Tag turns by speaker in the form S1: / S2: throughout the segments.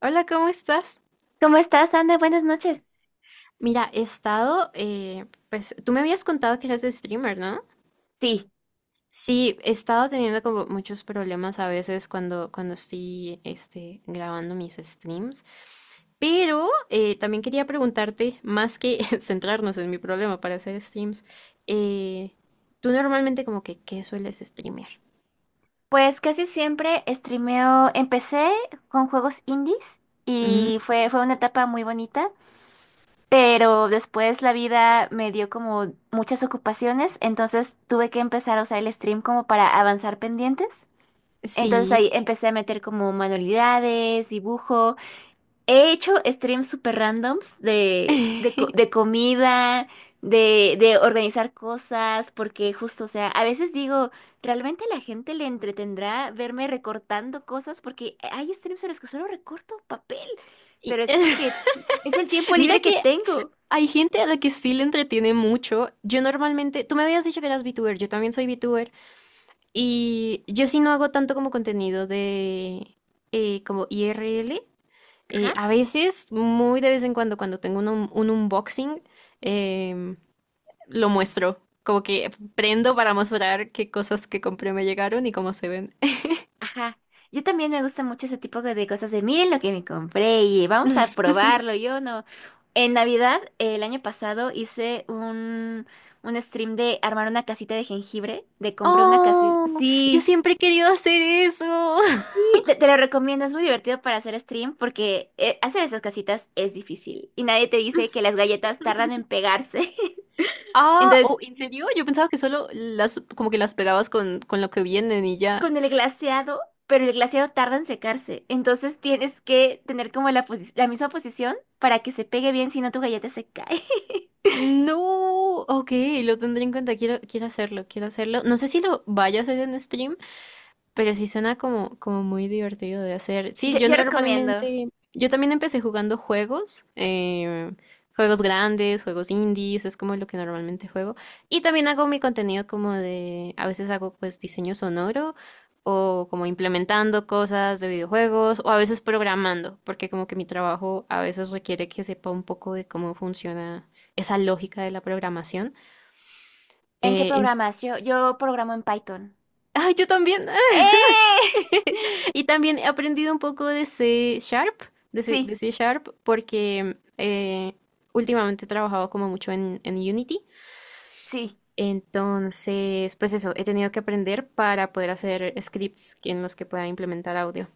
S1: Hola, ¿cómo estás?
S2: ¿Cómo estás, Ana? Buenas noches.
S1: Mira, he estado, pues tú me habías contado que eras streamer, ¿no?
S2: Sí,
S1: Sí, he estado teniendo como muchos problemas a veces cuando estoy este, grabando mis streams, pero también quería preguntarte, más que centrarnos en mi problema para hacer streams, eh, tú normalmente como que, ¿qué sueles streamear?
S2: pues casi siempre streameo. Empecé con juegos indies
S1: Mm,
S2: y fue una etapa muy bonita, pero después la vida me dio como muchas ocupaciones, entonces tuve que empezar a usar el stream como para avanzar pendientes. Entonces
S1: sí.
S2: ahí empecé a meter como manualidades, dibujo. He hecho streams super randoms de comida, de organizar cosas, porque justo, o sea, a veces digo, ¿realmente a la gente le entretendrá verme recortando cosas? Porque hay streams en los que solo recorto papel,
S1: Y-
S2: pero es porque es el tiempo
S1: mira
S2: libre que
S1: que
S2: tengo.
S1: hay gente a la que sí le entretiene mucho. Yo normalmente, tú me habías dicho que eras VTuber, yo también soy VTuber y yo sí no hago tanto como contenido de como IRL.
S2: Ajá.
S1: A veces, muy de vez en cuando, cuando tengo un, un unboxing, em, lo muestro. Como que prendo para mostrar qué cosas que compré me llegaron y cómo se ven.
S2: Ajá. Yo también me gusta mucho ese tipo de cosas de miren lo que me compré y vamos a probarlo. Yo no. En Navidad, el año pasado, un stream de armar una casita de jengibre, de compré una casita.
S1: Oh, yo
S2: Sí,
S1: siempre he querido hacer eso.
S2: sí, te lo recomiendo. Es muy divertido para hacer stream porque hacer esas casitas es difícil y nadie te dice que las galletas tardan en pegarse.
S1: Ah, oh,
S2: Entonces,
S1: ¿en serio? Yo pensaba que solo las, como que las pegabas con lo que vienen y ya.
S2: con el glaseado, pero el glaseado tarda en secarse. Entonces tienes que tener como la, posi- la misma posición para que se pegue bien, si no tu galleta se cae.
S1: No, ok, lo tendré en cuenta, quiero, quiero hacerlo, quiero hacerlo. No sé si lo vaya a hacer en stream, pero sí suena como, como muy divertido de hacer. Sí,
S2: Yo,
S1: yo
S2: yo recomiendo.
S1: normalmente, yo también empecé jugando juegos, juegos grandes, juegos indies, es como lo que normalmente juego. Y también hago mi contenido como de, a veces hago pues diseño sonoro o como implementando cosas de videojuegos o a veces programando, porque como que mi trabajo a veces requiere que sepa un poco de cómo funciona esa lógica de la programación.
S2: ¿En qué
S1: Eh, en-
S2: programas? Yo programo en Python.
S1: ¡Ay, yo también!
S2: ¡Eh!
S1: Y también he aprendido un poco
S2: Sí,
S1: de C Sharp, porque últimamente he trabajado como mucho en Unity.
S2: sí.
S1: Entonces, pues eso, he tenido que aprender para poder hacer scripts en los que pueda implementar audio.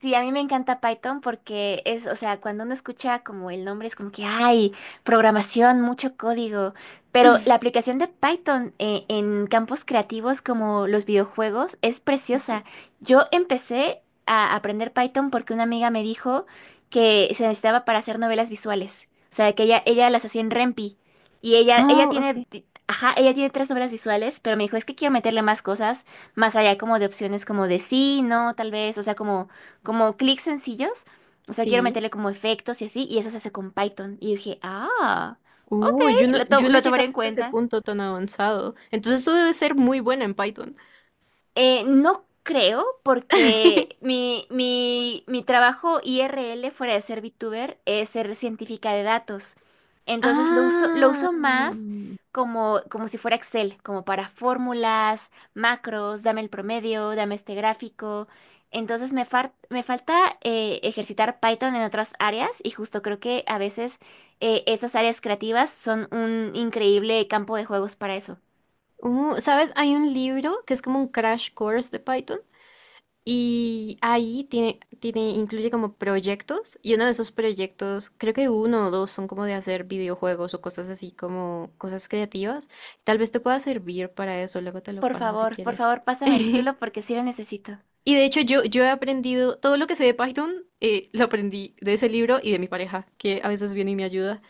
S2: Sí, a mí me encanta Python porque es, o sea, cuando uno escucha como el nombre es como que hay programación, mucho código, pero la aplicación de Python en campos creativos como los videojuegos es
S1: Y
S2: preciosa.
S1: sí.
S2: Yo empecé a aprender Python porque una amiga me dijo que se necesitaba para hacer novelas visuales, o sea, que ella las hacía en Rempi y ella
S1: Oh, ok.
S2: tiene, ajá, ella tiene 3 novelas visuales, pero me dijo, es que quiero meterle más cosas, más allá como de opciones como de sí, no, tal vez, o sea, como clics sencillos. O sea, quiero
S1: Sí.
S2: meterle como efectos y así, y eso se hace con Python. Y dije, ah, ok,
S1: Yo no, yo no he
S2: lo tomaré
S1: llegado
S2: en
S1: hasta ese
S2: cuenta.
S1: punto tan avanzado. Entonces tú debes ser muy buena en Python.
S2: No creo, porque mi trabajo IRL fuera de ser VTuber es ser científica de datos. Entonces lo
S1: Ah.
S2: uso más como, como si fuera Excel, como para fórmulas, macros, dame el promedio, dame este gráfico. Entonces me, far- me falta ejercitar Python en otras áreas y justo creo que a veces esas áreas creativas son un increíble campo de juegos para eso.
S1: ¿Sabes? Hay un libro que es como un crash course de Python. Y ahí tiene, tiene, incluye como proyectos, y uno de esos proyectos, creo que uno o dos son como de hacer videojuegos o cosas así como cosas creativas. Tal vez te pueda servir para eso, luego te lo paso si
S2: Por
S1: quieres.
S2: favor, pásame el título porque sí lo necesito.
S1: Y de hecho yo, yo he aprendido, todo lo que sé de Python, lo aprendí de ese libro y de mi pareja, que a veces viene y me ayuda.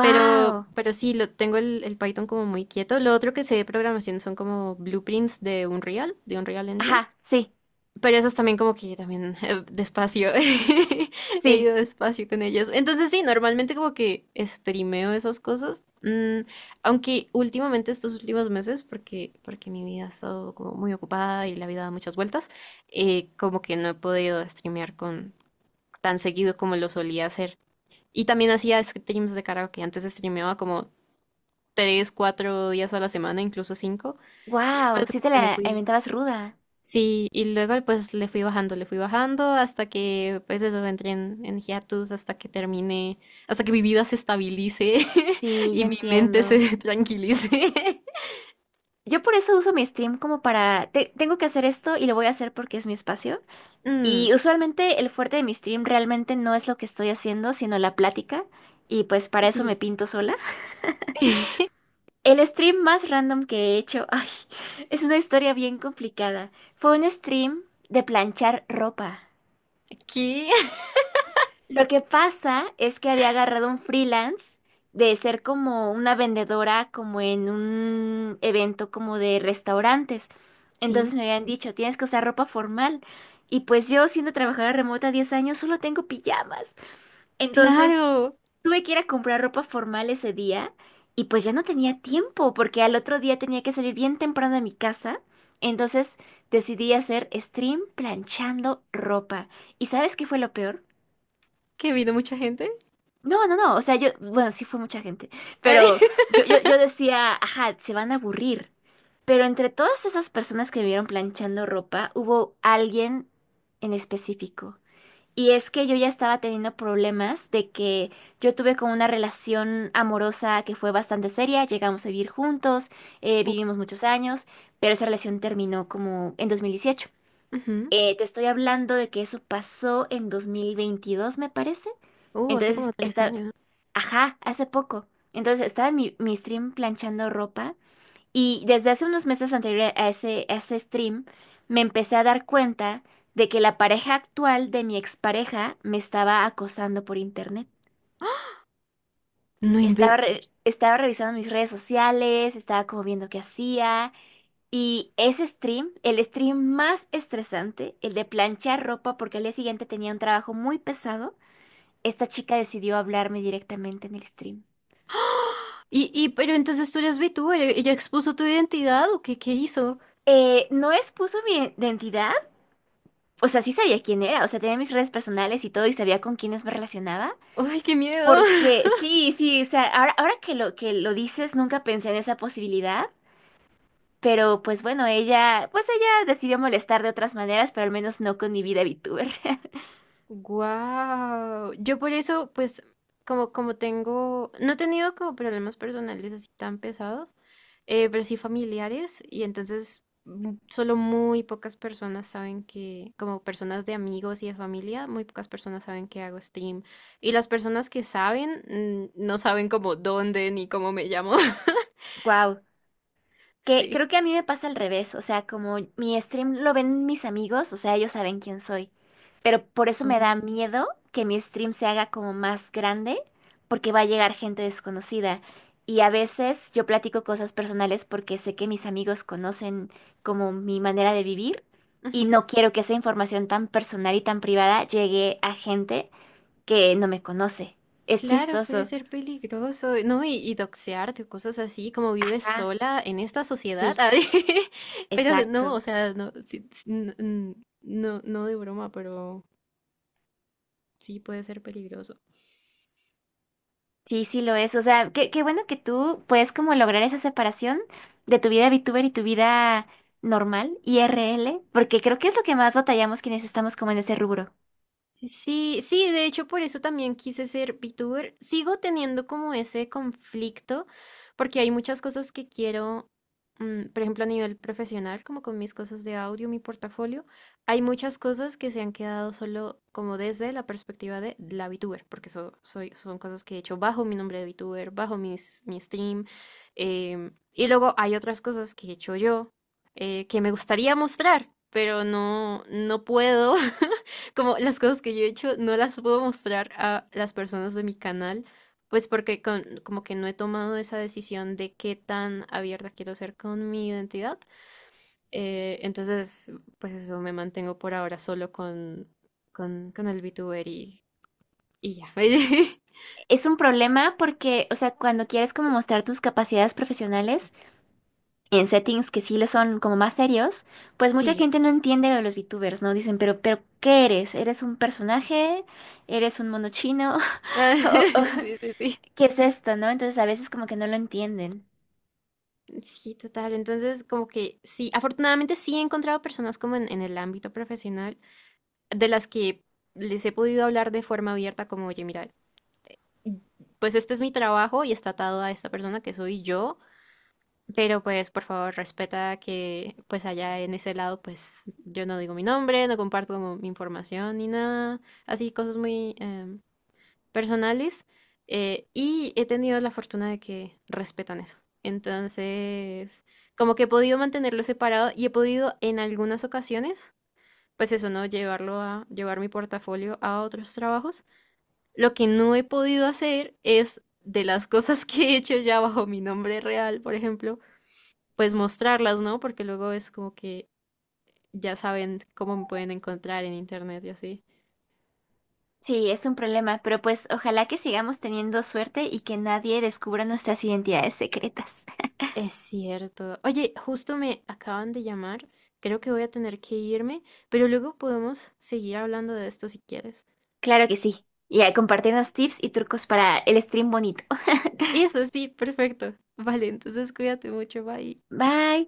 S1: Pero sí, lo, tengo el Python como muy quieto. Lo otro que sé de programación son como blueprints de Unreal Engine.
S2: Ajá, sí,
S1: Pero esos también como que también despacio, he
S2: sí.
S1: ido despacio con ellos. Entonces sí, normalmente como que streameo esas cosas. Mm, aunque últimamente estos últimos meses, porque, porque mi vida ha estado como muy ocupada y la vida da muchas vueltas, como que no he podido streamear con tan seguido como lo solía hacer. Y también hacía streams de karaoke, antes streameaba como tres, cuatro días a la semana, incluso cinco, y después
S2: ¡Wow! Sí
S1: como
S2: te
S1: que le
S2: la
S1: fui.
S2: inventabas ruda.
S1: Sí, y luego pues le fui bajando hasta que pues eso entré en hiatus, hasta que termine, hasta que mi vida se estabilice
S2: Sí, yo
S1: y mi mente
S2: entiendo.
S1: se tranquilice.
S2: Yo por eso uso mi stream como para... te- tengo que hacer esto y lo voy a hacer porque es mi espacio.
S1: Mm,
S2: Y usualmente el fuerte de mi stream realmente no es lo que estoy haciendo, sino la plática. Y pues para eso me
S1: sí.
S2: pinto sola. El stream más random que he hecho, ay, es una historia bien complicada. Fue un stream de planchar ropa.
S1: ¿Qué?
S2: Lo que pasa es que había agarrado un freelance de ser como una vendedora, como en un evento como de restaurantes.
S1: Sí.
S2: Entonces me habían dicho, tienes que usar ropa formal. Y pues yo, siendo trabajadora remota 10 años, solo tengo pijamas. Entonces
S1: Claro,
S2: tuve que ir a comprar ropa formal ese día y pues ya no tenía tiempo porque al otro día tenía que salir bien temprano de mi casa. Entonces decidí hacer stream planchando ropa. ¿Y sabes qué fue lo peor?
S1: que vino mucha gente.
S2: No, no, no, o sea, yo, bueno, sí fue mucha gente,
S1: Ay.
S2: pero yo decía, ajá, se van a aburrir. Pero entre todas esas personas que me vieron planchando ropa, hubo alguien en específico. Y es que yo ya estaba teniendo problemas de que yo tuve como una relación amorosa que fue bastante seria, llegamos a vivir juntos,
S1: Uh,
S2: vivimos muchos años, pero esa relación terminó como en 2018.
S1: ujú.
S2: Te estoy hablando de que eso pasó en 2022, me parece.
S1: Hace como
S2: Entonces,
S1: tres
S2: está,
S1: años.
S2: ajá, hace poco. Entonces, estaba en mi stream planchando ropa y desde hace unos meses anteriores a a ese stream me empecé a dar cuenta de que la pareja actual de mi expareja me estaba acosando por internet.
S1: No
S2: Estaba,
S1: invento.
S2: re- estaba revisando mis redes sociales, estaba como viendo qué hacía y ese stream, el stream más estresante, el de planchar ropa porque al día siguiente tenía un trabajo muy pesado, esta chica decidió hablarme directamente en el stream.
S1: Y, pero entonces tú eres VTuber, ¿ella expuso tu identidad o qué, qué hizo?
S2: No expuso mi identidad, o sea, sí sabía quién era, o sea, tenía mis redes personales y todo y sabía con quiénes me relacionaba,
S1: ¡Ay, qué miedo!
S2: porque sí, sí, o sea, ahora que lo dices, nunca pensé en esa posibilidad, pero pues bueno, ella, pues ella decidió molestar de otras maneras, pero al menos no con mi vida VTuber.
S1: Wow, yo por eso, pues, como, como tengo, no he tenido como problemas personales así tan pesados, pero sí familiares, y entonces mm, solo muy pocas personas saben que, como personas de amigos y de familia, muy pocas personas saben que hago stream. Y las personas que saben, mm, no saben como dónde ni cómo me llamo.
S2: Wow. Que creo
S1: Sí.
S2: que a mí me pasa al revés, o sea, como mi stream lo ven mis amigos, o sea, ellos saben quién soy, pero por eso me da
S1: Oh.
S2: miedo que mi stream se haga como más grande, porque va a llegar gente desconocida. Y a veces yo platico cosas personales porque sé que mis amigos conocen como mi manera de vivir y no quiero que esa información tan personal y tan privada llegue a gente que no me conoce. Es
S1: Claro, puede
S2: chistoso.
S1: ser peligroso, ¿no? Y doxearte o cosas así, como vives
S2: Ajá,
S1: sola en esta sociedad.
S2: sí,
S1: A ver, pero no, o
S2: exacto.
S1: sea, no, sí, sí, no, no de broma, pero sí puede ser peligroso.
S2: Sí, sí lo es. O sea, qué, qué bueno que tú puedes como lograr esa separación de tu vida VTuber y tu vida normal, IRL, porque creo que es lo que más batallamos quienes estamos como en ese rubro.
S1: Sí, sí, de hecho por eso también quise ser VTuber. Sigo teniendo como ese conflicto porque hay muchas cosas que quiero, mm, por ejemplo a nivel profesional, como con mis cosas de audio, mi portafolio, hay muchas cosas que se han quedado solo como desde la perspectiva de la VTuber, porque eso soy, son cosas que he hecho bajo mi nombre de VTuber, bajo mis, mi stream. Em, y luego hay otras cosas que he hecho yo que me gustaría mostrar, pero no, no puedo. Como las cosas que yo he hecho no las puedo mostrar a las personas de mi canal, pues porque como que no he tomado esa decisión de qué tan abierta quiero ser con mi identidad. Entonces, pues eso, me mantengo por ahora solo con el VTuber y ya.
S2: Es un problema porque, o sea, cuando quieres como mostrar tus capacidades profesionales en settings que sí lo son como más serios, pues mucha
S1: Sí.
S2: gente no entiende lo de los VTubers, ¿no? Dicen, ¿qué eres? ¿Eres un personaje? ¿Eres un mono chino?
S1: Ah,
S2: ¿O- o-
S1: sí, sí, sí.
S2: ¿qué es esto, no? Entonces a veces como que no lo entienden.
S1: Sí, total. Entonces, como que sí, afortunadamente sí he encontrado personas como en el ámbito profesional de las que les he podido hablar de forma abierta, como, oye, mira, pues este es mi trabajo y está atado a esta persona que soy yo, pero pues por favor respeta que pues allá en ese lado pues yo no digo mi nombre, no comparto como mi información ni nada, así cosas muy personales y he tenido la fortuna de que respetan eso. Entonces, como que he podido mantenerlo separado y he podido en algunas ocasiones, pues eso, ¿no? Llevarlo a, llevar mi portafolio a otros trabajos. Lo que no he podido hacer es, de las cosas que he hecho ya bajo mi nombre real, por ejemplo, pues mostrarlas, ¿no? Porque luego es como que ya saben cómo me pueden encontrar en internet y así.
S2: Sí, es un problema, pero pues ojalá que sigamos teniendo suerte y que nadie descubra nuestras identidades secretas.
S1: Es cierto. Oye, justo me acaban de llamar. Creo que voy a tener que irme, pero luego podemos seguir hablando de esto si quieres.
S2: Claro que sí. Y a compartirnos tips y trucos para el stream bonito.
S1: Eso sí, perfecto. Vale, entonces cuídate mucho, bye.
S2: Bye.